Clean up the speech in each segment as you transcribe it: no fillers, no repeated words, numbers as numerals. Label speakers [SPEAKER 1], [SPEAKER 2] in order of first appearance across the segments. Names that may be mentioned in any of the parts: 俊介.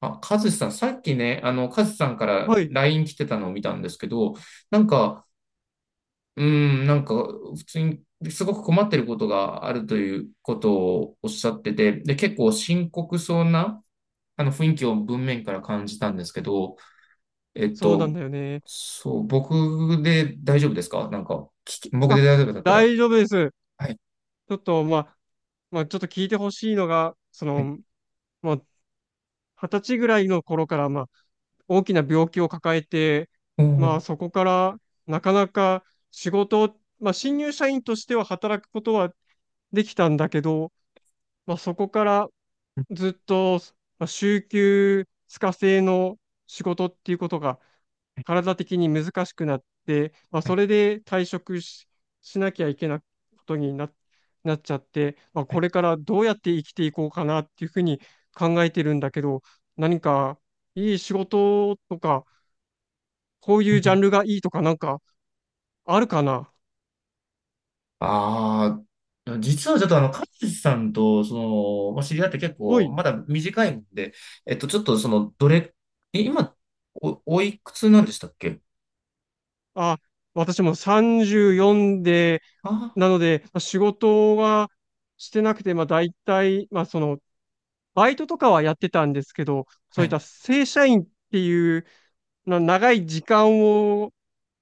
[SPEAKER 1] あ、カズさん、さっきね、カズさんから
[SPEAKER 2] はい、
[SPEAKER 1] ライン来てたのを見たんですけど、なんか、普通にすごく困ってることがあるということをおっしゃってて、で、結構深刻そうな、雰囲気を文面から感じたんですけど、えっ
[SPEAKER 2] そうなん
[SPEAKER 1] と、
[SPEAKER 2] だよね。
[SPEAKER 1] そう、僕で大丈夫ですかなんか、僕
[SPEAKER 2] あ、
[SPEAKER 1] で大丈夫だったら。
[SPEAKER 2] 大丈夫です。
[SPEAKER 1] はい。
[SPEAKER 2] ちょっと、まあ、ちょっと聞いてほしいのが、そ
[SPEAKER 1] はい。
[SPEAKER 2] の、まあ、二十歳ぐらいの頃から、まあ、大きな病気を抱えて、
[SPEAKER 1] お
[SPEAKER 2] まあ、
[SPEAKER 1] ー。
[SPEAKER 2] そこから、なかなか仕事を、まあ、新入社員としては働くことはできたんだけど、まあ、そこから、ずっと、まあ週休2日制の仕事っていうことが
[SPEAKER 1] はい
[SPEAKER 2] 体的に難しくなって、まあ、
[SPEAKER 1] はい
[SPEAKER 2] それで退職しなきゃいけないことなっちゃって、まあ、
[SPEAKER 1] はい
[SPEAKER 2] これからどうやって生きていこうかなっていうふうに考えてるんだけど、何かいい仕事とか、こう
[SPEAKER 1] は
[SPEAKER 2] いうジャ
[SPEAKER 1] い。
[SPEAKER 2] ンルがいいとかなんかあるかな。
[SPEAKER 1] ああ、実はちょっとカズさんと、の、まあ、知り合って結
[SPEAKER 2] は
[SPEAKER 1] 構、
[SPEAKER 2] い。
[SPEAKER 1] まだ短いんで、ちょっとその、どれ、え、今、お、おいくつなんでしたっけ？
[SPEAKER 2] あ、私も34で
[SPEAKER 1] あ
[SPEAKER 2] なので、ま、仕事はしてなくて、ま、大体、ま、その、バイトとかはやってたんですけど、そ
[SPEAKER 1] あー、
[SPEAKER 2] うい
[SPEAKER 1] は
[SPEAKER 2] った
[SPEAKER 1] い、
[SPEAKER 2] 正社員っていう、長い時間を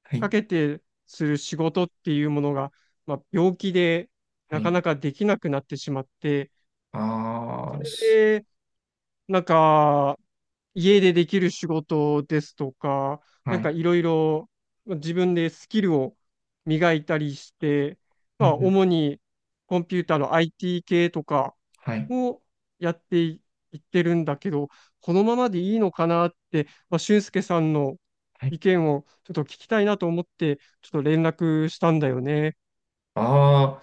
[SPEAKER 1] は
[SPEAKER 2] か
[SPEAKER 1] い、
[SPEAKER 2] けてする仕事っていうものが、まあ、病気で
[SPEAKER 1] は
[SPEAKER 2] なか
[SPEAKER 1] い。
[SPEAKER 2] なかできなくなってしまって、
[SPEAKER 1] ああ、す、
[SPEAKER 2] でなんか、家でできる仕事ですとか、な
[SPEAKER 1] は
[SPEAKER 2] んか
[SPEAKER 1] い、
[SPEAKER 2] いろいろ自分でスキルを磨いたりして、
[SPEAKER 1] う
[SPEAKER 2] ま
[SPEAKER 1] んう
[SPEAKER 2] あ、
[SPEAKER 1] ん、
[SPEAKER 2] 主にコンピューターの IT 系とか
[SPEAKER 1] はい、
[SPEAKER 2] をやってい、いってるんだけど、このままでいいのかなって、まあ、俊介さんの
[SPEAKER 1] はい。
[SPEAKER 2] 意見をちょっと聞きたいなと思って、ちょっと連絡したんだよね。
[SPEAKER 1] ああ、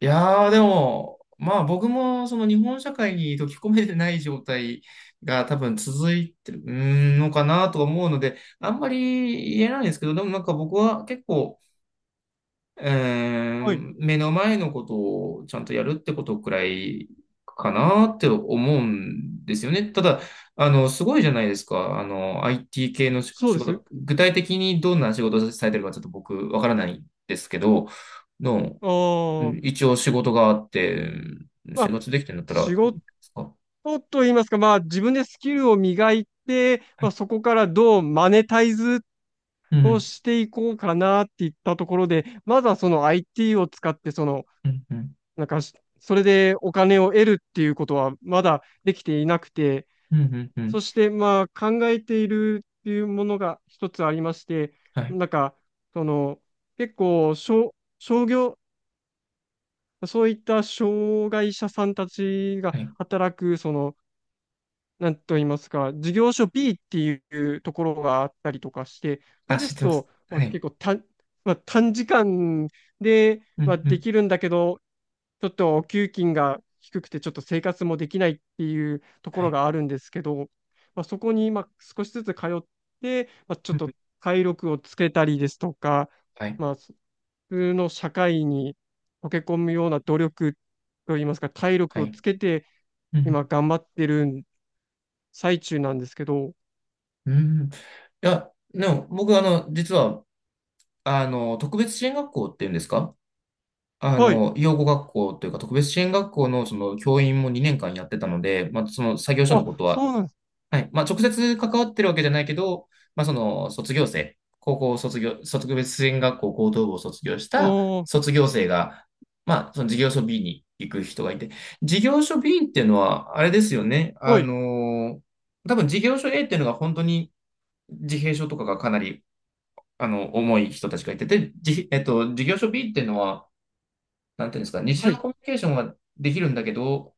[SPEAKER 1] いやー、でも、まあ僕もその日本社会に溶け込めてない状態が多分続いてるのかなと思うので、あんまり言えないんですけど、でもなんか僕は結構、うー
[SPEAKER 2] はい、
[SPEAKER 1] ん、目の前のことをちゃんとやるってことくらいかなって思うんですよね。ただ、すごいじゃないですか。IT 系の
[SPEAKER 2] そう
[SPEAKER 1] 仕
[SPEAKER 2] です。
[SPEAKER 1] 事、具体的にどんな仕事をされてるかちょっと僕わからないんですけど、の、
[SPEAKER 2] あ
[SPEAKER 1] うん、
[SPEAKER 2] あ、
[SPEAKER 1] 一応仕事があって、うん、
[SPEAKER 2] ま
[SPEAKER 1] 生
[SPEAKER 2] あ、
[SPEAKER 1] 活できてるんだった
[SPEAKER 2] 仕
[SPEAKER 1] らいいで
[SPEAKER 2] 事
[SPEAKER 1] すか。
[SPEAKER 2] と言いますか、まあ自分でスキルを磨いて、
[SPEAKER 1] は
[SPEAKER 2] まあ、
[SPEAKER 1] い。
[SPEAKER 2] そこからどうマネタイズ
[SPEAKER 1] う
[SPEAKER 2] を
[SPEAKER 1] ん、
[SPEAKER 2] していこうかなっていったところで、まずはその IT を使って、その、
[SPEAKER 1] うん、うん、
[SPEAKER 2] なんかし、それでお金を得るっていうことはまだできていなくて、
[SPEAKER 1] うん、うん、う
[SPEAKER 2] そ
[SPEAKER 1] ん。
[SPEAKER 2] してまあ考えているっていうものが一つありまして、
[SPEAKER 1] はい、
[SPEAKER 2] なんか、その、結構、商業、そういった障害者さんたちが
[SPEAKER 1] はい。
[SPEAKER 2] 働く、その、なんと言いますか、事業所 B っていうところがあったりとかして、そ
[SPEAKER 1] あ、
[SPEAKER 2] れで
[SPEAKER 1] 知っ
[SPEAKER 2] す
[SPEAKER 1] てます。
[SPEAKER 2] と、ま
[SPEAKER 1] は
[SPEAKER 2] あ、
[SPEAKER 1] い。
[SPEAKER 2] 結構短、まあ、短時間で、
[SPEAKER 1] う
[SPEAKER 2] まあ、
[SPEAKER 1] ん、う
[SPEAKER 2] で
[SPEAKER 1] ん、
[SPEAKER 2] きるんだけど、ちょっとお給金が低くて、ちょっと生活もできないっていうとこ
[SPEAKER 1] は
[SPEAKER 2] ろ
[SPEAKER 1] い。
[SPEAKER 2] があるんですけど、まあ、そこにまあ少しずつ通って、まあ、ちょっ
[SPEAKER 1] うんう
[SPEAKER 2] と
[SPEAKER 1] ん、
[SPEAKER 2] 体力をつけたりですとか、
[SPEAKER 1] はい、
[SPEAKER 2] まあ、普通の社会に溶け込むような努力といいますか、体
[SPEAKER 1] は
[SPEAKER 2] 力を
[SPEAKER 1] い。
[SPEAKER 2] つけて、
[SPEAKER 1] うんうん
[SPEAKER 2] 今頑張ってる最中なんですけど、
[SPEAKER 1] うん。いや、でも僕、実は、特別支援学校っていうんですか、
[SPEAKER 2] はい。
[SPEAKER 1] 養護学校というか、特別支援学校のその教員も2年間やってたので、まあ、その作業所の
[SPEAKER 2] あ、
[SPEAKER 1] ことは、
[SPEAKER 2] そうなんです。
[SPEAKER 1] はい、まあ、直接関わってるわけじゃないけど、まあ、その、卒業生、高校卒業、特別支援学校高等部を卒業し
[SPEAKER 2] あ
[SPEAKER 1] た
[SPEAKER 2] ー、
[SPEAKER 1] 卒業生が、まあ、その事業所 B に行く人がいて、事業所 B っていうのは、あれですよね、
[SPEAKER 2] はい。
[SPEAKER 1] 多分事業所 A っていうのが本当に、自閉症とかがかなり、重い人たちがいてて、じ、えっと、事業所 B っていうのは、なんていうんですか、日
[SPEAKER 2] は
[SPEAKER 1] 常の
[SPEAKER 2] い。
[SPEAKER 1] コミュニケーションはできるんだけど、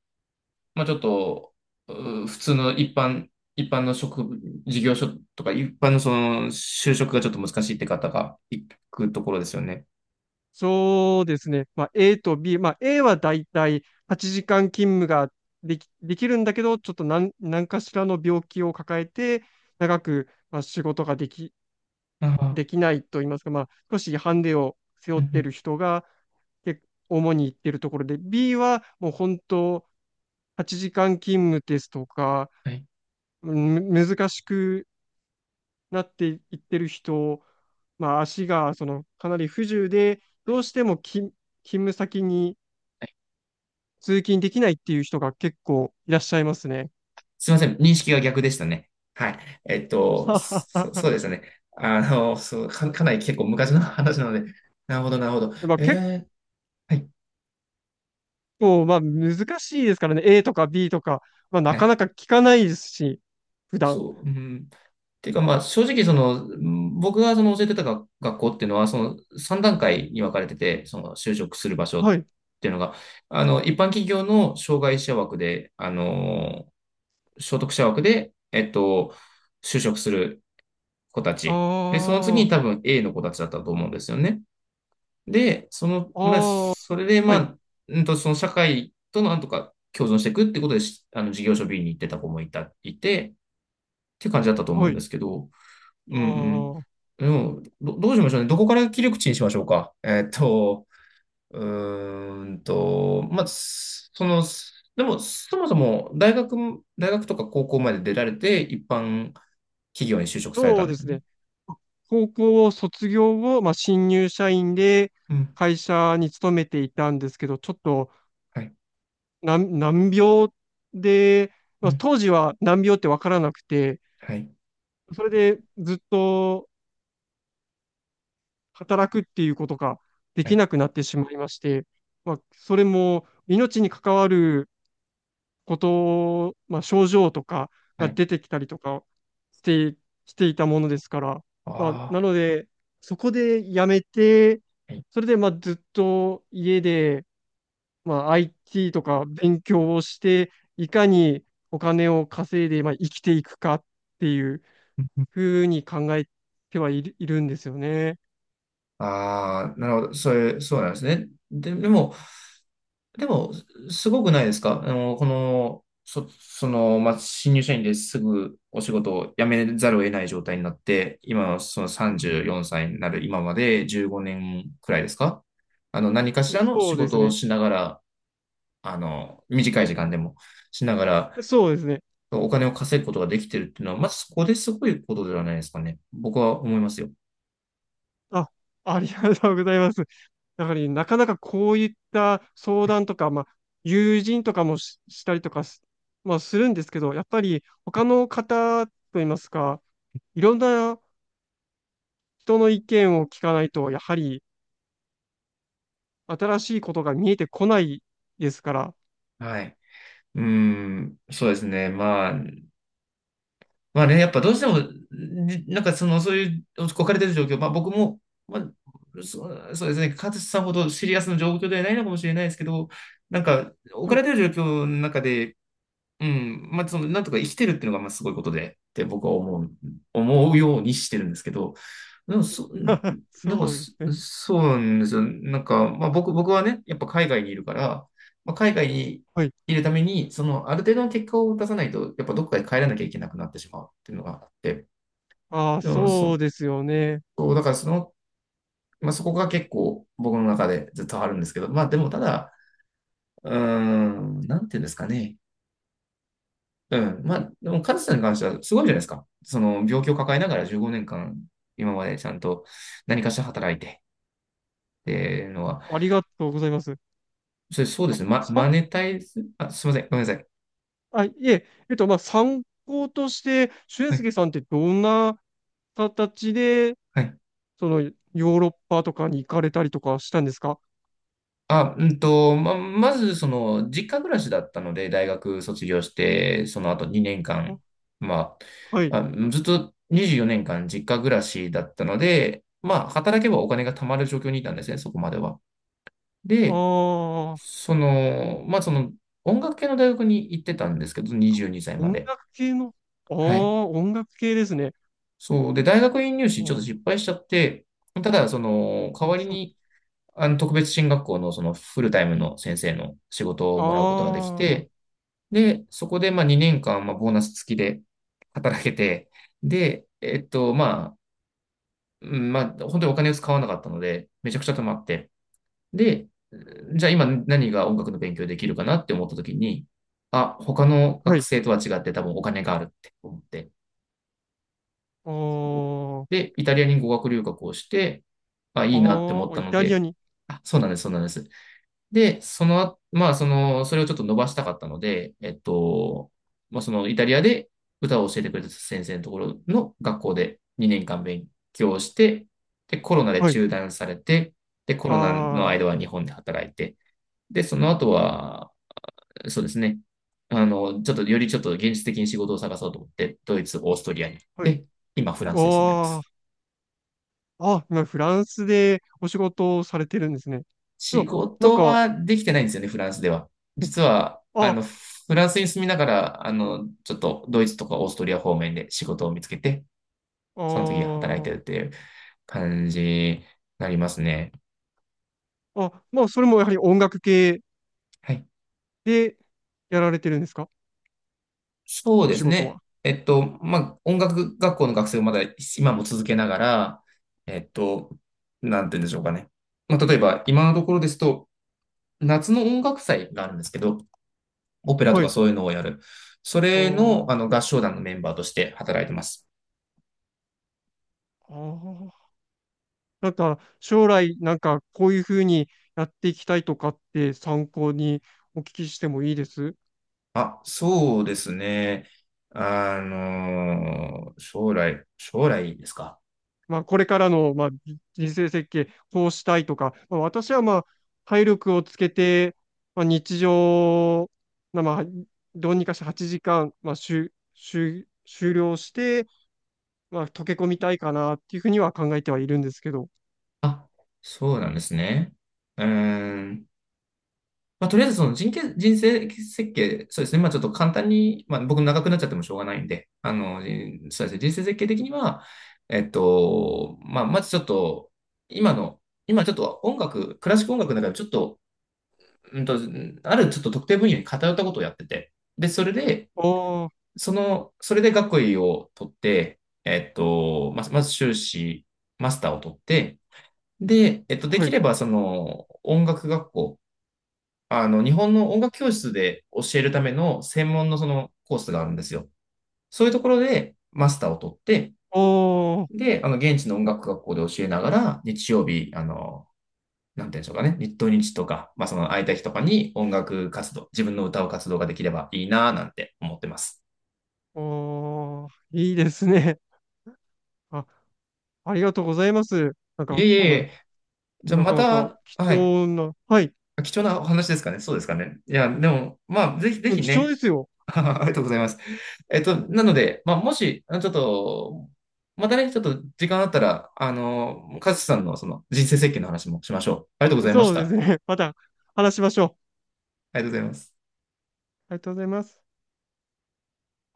[SPEAKER 1] まあちょっと、普通の一般、一般の職、事業所とか、一般のその、就職がちょっと難しいって方が行くところですよね。
[SPEAKER 2] そうですね。まあ、A と B。まあ、A はだいたい8時間勤務ができるんだけど、ちょっと何かしらの病気を抱えて、長く、まあ、仕事が
[SPEAKER 1] ああ、
[SPEAKER 2] できないと言いますか、まあ、少しハンデを背負
[SPEAKER 1] う
[SPEAKER 2] っ
[SPEAKER 1] んう
[SPEAKER 2] ている
[SPEAKER 1] ん、
[SPEAKER 2] 人が、結構主に行ってるところで、B はもう本当、8時間勤務ですとか、
[SPEAKER 1] はい
[SPEAKER 2] 難しくなっていってる人、まあ、足がそのかなり不自由で、
[SPEAKER 1] は
[SPEAKER 2] ど
[SPEAKER 1] い
[SPEAKER 2] うしても勤務先に
[SPEAKER 1] はい、
[SPEAKER 2] 通勤できないっていう人が結構いらっしゃいますね。
[SPEAKER 1] すいません、認識が逆でしたね。はい。そうです ね。かなり結構昔の話なので、なるほど、なるほど。
[SPEAKER 2] まあ、結
[SPEAKER 1] えー、はい
[SPEAKER 2] 構、まあ、難しいですからね。A とか B とか、まあ、な
[SPEAKER 1] は
[SPEAKER 2] か
[SPEAKER 1] い、
[SPEAKER 2] なか聞かないですし、普段。
[SPEAKER 1] そう。うん。ていうか、まあ、正直、その、うん、僕がその教えてた学校っていうのは、その3段階に分かれてて、その就職する場所っ
[SPEAKER 2] はい。
[SPEAKER 1] ていうのが、一般企業の障害者枠で、所得者枠で、就職する子たち。で、そ
[SPEAKER 2] あ
[SPEAKER 1] の次に多分 A の子たちだったと思うんですよね。で、その、
[SPEAKER 2] あ、
[SPEAKER 1] まあ、
[SPEAKER 2] ああ、
[SPEAKER 1] それで、ま
[SPEAKER 2] はい、
[SPEAKER 1] あ、その社会となんとか共存していくってことで、事業所 B に行ってた子もいて、っていう感じだったと思う
[SPEAKER 2] は
[SPEAKER 1] んで
[SPEAKER 2] い。
[SPEAKER 1] すけど、う
[SPEAKER 2] あ
[SPEAKER 1] ん
[SPEAKER 2] あ、
[SPEAKER 1] うん。でも、どうしましょうね。どこから切り口にしましょうか。まあ、その、でも、そもそも大学、大学とか高校まで出られて、一般企業に就職された
[SPEAKER 2] そう
[SPEAKER 1] んで
[SPEAKER 2] で
[SPEAKER 1] す
[SPEAKER 2] す
[SPEAKER 1] よね。
[SPEAKER 2] ね。高校を卒業後、まあ、新入社員で
[SPEAKER 1] うん。
[SPEAKER 2] 会社に勤めていたんですけど、ちょっと
[SPEAKER 1] はい。
[SPEAKER 2] 難病で、
[SPEAKER 1] う
[SPEAKER 2] まあ、
[SPEAKER 1] ん。
[SPEAKER 2] 当時は難病ってわからなくて、
[SPEAKER 1] はい。
[SPEAKER 2] それでずっと働くっていうことがで
[SPEAKER 1] は
[SPEAKER 2] き
[SPEAKER 1] い。
[SPEAKER 2] なくなってしまいまして、まあ、それも命に関わることをまあ、症状とか
[SPEAKER 1] は
[SPEAKER 2] が
[SPEAKER 1] い。
[SPEAKER 2] 出てきたりとかして、していたものですから、
[SPEAKER 1] あ
[SPEAKER 2] まあ、な
[SPEAKER 1] あ。
[SPEAKER 2] ので、そこで辞めて、
[SPEAKER 1] はい。
[SPEAKER 2] それでまあずっと家でまあ、IT とか勉強をして、いかにお金を稼いで、まあ、生きていくかっていうふうに考えてはいるんですよね。
[SPEAKER 1] ああー、なるほど。そういう、そうなんですね。でも、すごくないですか、あの、この、そ、その、まあ、新入社員ですぐお仕事を辞めざるを得ない状態になって、今のその
[SPEAKER 2] あ、
[SPEAKER 1] 34歳になる今まで15年くらいですか、何かしらの
[SPEAKER 2] そ
[SPEAKER 1] 仕
[SPEAKER 2] うです
[SPEAKER 1] 事を
[SPEAKER 2] ね。
[SPEAKER 1] しながら、短い時間でもしながら、
[SPEAKER 2] そうですね。
[SPEAKER 1] お金を稼ぐことができてるっていうのは、まずそこですごいことではないですかね。僕は思いますよ。
[SPEAKER 2] あ、ありがとうございます。だから、なかなかこういった相談とか、まあ、友人とかもし、したりとかす、まあ、するんですけど、やっぱり他の方といいますか、いろんな人の意見を聞かないと、やはり新しいことが見えてこないですから。
[SPEAKER 1] はい。うーん、そうですね。まあ、まあね、やっぱどうしても、なんかその、そういう置かれてる状況、まあ僕も、まあ、そうですね、勝さんほどシリアスな状況ではないのかもしれないですけど、なんか置
[SPEAKER 2] は
[SPEAKER 1] かれ
[SPEAKER 2] い。
[SPEAKER 1] てる状況の中で、うん。まあ、その、なんとか生きてるっていうのが、まあ、すごいことで、って僕は思うようにしてるんですけど、でも、
[SPEAKER 2] そうですね。
[SPEAKER 1] そうなんですよ。なんか、まあ、僕はね、やっぱ海外にいるから、まあ、海外に
[SPEAKER 2] はい。
[SPEAKER 1] いるために、その、ある程度の結果を出さないと、やっぱどっかで帰らなきゃいけなくなってしまうっていうのがあって、
[SPEAKER 2] ああ、
[SPEAKER 1] でも、
[SPEAKER 2] そうですよね。
[SPEAKER 1] そうだからその、まあ、そこが結構僕の中でずっとあるんですけど、まあ、でも、ただ、うーん、なんていうんですかね。うん。まあ、でも、カズさんに関してはすごいじゃないですか。その、病気を抱えながら15年間、今までちゃんと何かしら働いて、っていうのは、
[SPEAKER 2] ありがとうございます。
[SPEAKER 1] それ、そうで
[SPEAKER 2] あ、
[SPEAKER 1] すね。マ
[SPEAKER 2] 参
[SPEAKER 1] ネタイズ、あ、すいません。ごめんなさい。
[SPEAKER 2] あ、いえ、まあ、参考として、俊
[SPEAKER 1] はい。
[SPEAKER 2] 介さんってどんな形で、
[SPEAKER 1] はい。
[SPEAKER 2] その、ヨーロッパとかに行かれたりとかしたんですか？
[SPEAKER 1] あ、まず、その、実家暮らしだったので、大学卒業して、その後2年
[SPEAKER 2] あ、
[SPEAKER 1] 間、ま
[SPEAKER 2] はい。
[SPEAKER 1] あ、あ、ずっと24年間実家暮らしだったので、まあ、働けばお金が貯まる状況にいたんですね、そこまでは。
[SPEAKER 2] あ
[SPEAKER 1] で、
[SPEAKER 2] あ、
[SPEAKER 1] その、まあ、その、音楽系の大学に行ってたんですけど、22歳ま
[SPEAKER 2] 音
[SPEAKER 1] で。
[SPEAKER 2] 楽系の、ああ、
[SPEAKER 1] はい。
[SPEAKER 2] 音楽系ですね。
[SPEAKER 1] そう。で、大学院入
[SPEAKER 2] あ
[SPEAKER 1] 試ちょっと
[SPEAKER 2] ー、
[SPEAKER 1] 失敗しちゃって、ただ、その、
[SPEAKER 2] あ
[SPEAKER 1] 代わり
[SPEAKER 2] そう。
[SPEAKER 1] に、特別進学校のそのフルタイムの先生の仕事をもらうことがで
[SPEAKER 2] あ
[SPEAKER 1] き
[SPEAKER 2] あ、
[SPEAKER 1] て、で、そこで、まあ、2年間、まあ、ボーナス付きで働けて、で、まあ、本当にお金を使わなかったので、めちゃくちゃ貯まって、で、じゃあ今何が音楽の勉強できるかなって思った時に、あ、他の
[SPEAKER 2] は
[SPEAKER 1] 学
[SPEAKER 2] い。
[SPEAKER 1] 生とは違って多分お金があるって思って。
[SPEAKER 2] あ
[SPEAKER 1] で、イタリアに語学留学をして、あ、
[SPEAKER 2] あ、
[SPEAKER 1] いいなって思っ
[SPEAKER 2] ああ、
[SPEAKER 1] た
[SPEAKER 2] イ
[SPEAKER 1] の
[SPEAKER 2] タリア
[SPEAKER 1] で、
[SPEAKER 2] に。
[SPEAKER 1] あ、そうなんです。で、その後、それをちょっと伸ばしたかったので、まあ、そのイタリアで歌を教えてくれた先生のところの学校で2年間勉強して、で、コロナで
[SPEAKER 2] はい。
[SPEAKER 1] 中断されて、で、コロナの
[SPEAKER 2] あ
[SPEAKER 1] 間は日本で働いて、で、その後は、そうですね。ちょっと、よりちょっと現実的に仕事を探そうと思って、ドイツ、オーストリアに行っ
[SPEAKER 2] あ、はい。
[SPEAKER 1] て、今、フランスに住んでま
[SPEAKER 2] あ
[SPEAKER 1] す。
[SPEAKER 2] あ、あ、フランスでお仕事をされてるんですね。で
[SPEAKER 1] 仕
[SPEAKER 2] も、なん
[SPEAKER 1] 事
[SPEAKER 2] か、
[SPEAKER 1] はできてないんですよね、フランスでは。実は、
[SPEAKER 2] あ、
[SPEAKER 1] フランスに住みながら、ちょっと、ドイツとかオーストリア方面で仕事を見つけて、その時働い
[SPEAKER 2] あ
[SPEAKER 1] てるっ
[SPEAKER 2] ー、
[SPEAKER 1] ていう感じになりますね。
[SPEAKER 2] あ、まあ、それもやはり音楽系
[SPEAKER 1] はい。
[SPEAKER 2] でやられてるんですか？
[SPEAKER 1] そう
[SPEAKER 2] お
[SPEAKER 1] で
[SPEAKER 2] 仕
[SPEAKER 1] す
[SPEAKER 2] 事
[SPEAKER 1] ね。
[SPEAKER 2] は。
[SPEAKER 1] まあ、音楽学校の学生をまだ今も続けながら、えっと、なんて言うんでしょうかね。まあ、例えば、今のところですと、夏の音楽祭があるんですけど、オペラと
[SPEAKER 2] は
[SPEAKER 1] か
[SPEAKER 2] い。
[SPEAKER 1] そういうのをやる。そ
[SPEAKER 2] あ
[SPEAKER 1] れの、
[SPEAKER 2] ー、
[SPEAKER 1] 合唱団のメンバーとして働いてます。
[SPEAKER 2] あー、なんか、将来、なんか、こういうふうにやっていきたいとかって参考にお聞きしてもいいです
[SPEAKER 1] あ、そうですね。将来ですか？
[SPEAKER 2] まあ、これからの、まあ、人生設計、こうしたいとか、まあ、私は、まあ、体力をつけて、まあ、日常、まあ、どうにかして8時間、まあ、しゅしゅ終了して、まあ、溶け込みたいかなっていうふうには考えてはいるんですけど。
[SPEAKER 1] あ、そうなんですね。うーん。まあ、とりあえずその人生設計、そうですね。まあ、ちょっと簡単に、まあ、僕長くなっちゃってもしょうがないんで、そうですね。人生設計的には、まあ、まずちょっと、今の、今ちょっと音楽、クラシック音楽の中でちょっと、うんと、あるちょっと特定分野に偏ったことをやってて、で、それで、
[SPEAKER 2] ああ、
[SPEAKER 1] その、それで学位を取って、えっと、まず、まず修士、マスターを取って、で、で
[SPEAKER 2] は
[SPEAKER 1] き
[SPEAKER 2] い。
[SPEAKER 1] れば、その、音楽学校、日本の音楽教室で教えるための専門のそのコースがあるんですよ。そういうところでマスターを取って、
[SPEAKER 2] おー、
[SPEAKER 1] で、現地の音楽学校で教えながら、日曜日、なんて言うんでしょうかね、日当日とか、まあ、その空いた日とかに音楽活動、自分の歌う活動ができればいいなぁなんて思ってます。
[SPEAKER 2] おー、いいですね。あ、ありがとうございます。なん
[SPEAKER 1] いえ
[SPEAKER 2] か、
[SPEAKER 1] いえ
[SPEAKER 2] こん
[SPEAKER 1] い
[SPEAKER 2] な、
[SPEAKER 1] え、じゃあ
[SPEAKER 2] な
[SPEAKER 1] ま
[SPEAKER 2] かなか
[SPEAKER 1] た、
[SPEAKER 2] 貴
[SPEAKER 1] はい、
[SPEAKER 2] 重な、はい、
[SPEAKER 1] 貴重なお話ですかね、そうですかね。いや、でも、まあ、ぜひぜひ
[SPEAKER 2] 貴重
[SPEAKER 1] ね、
[SPEAKER 2] ですよ。
[SPEAKER 1] ありがとうございます。なので、まあ、もし、ちょっと、またね、ちょっと時間あったら、カズさんのその人生設計の話もしましょう。ありがとうございまし
[SPEAKER 2] そう
[SPEAKER 1] た。
[SPEAKER 2] で
[SPEAKER 1] あ
[SPEAKER 2] すね。また話しましょう。
[SPEAKER 1] りがとうございます。
[SPEAKER 2] ありがとうございます。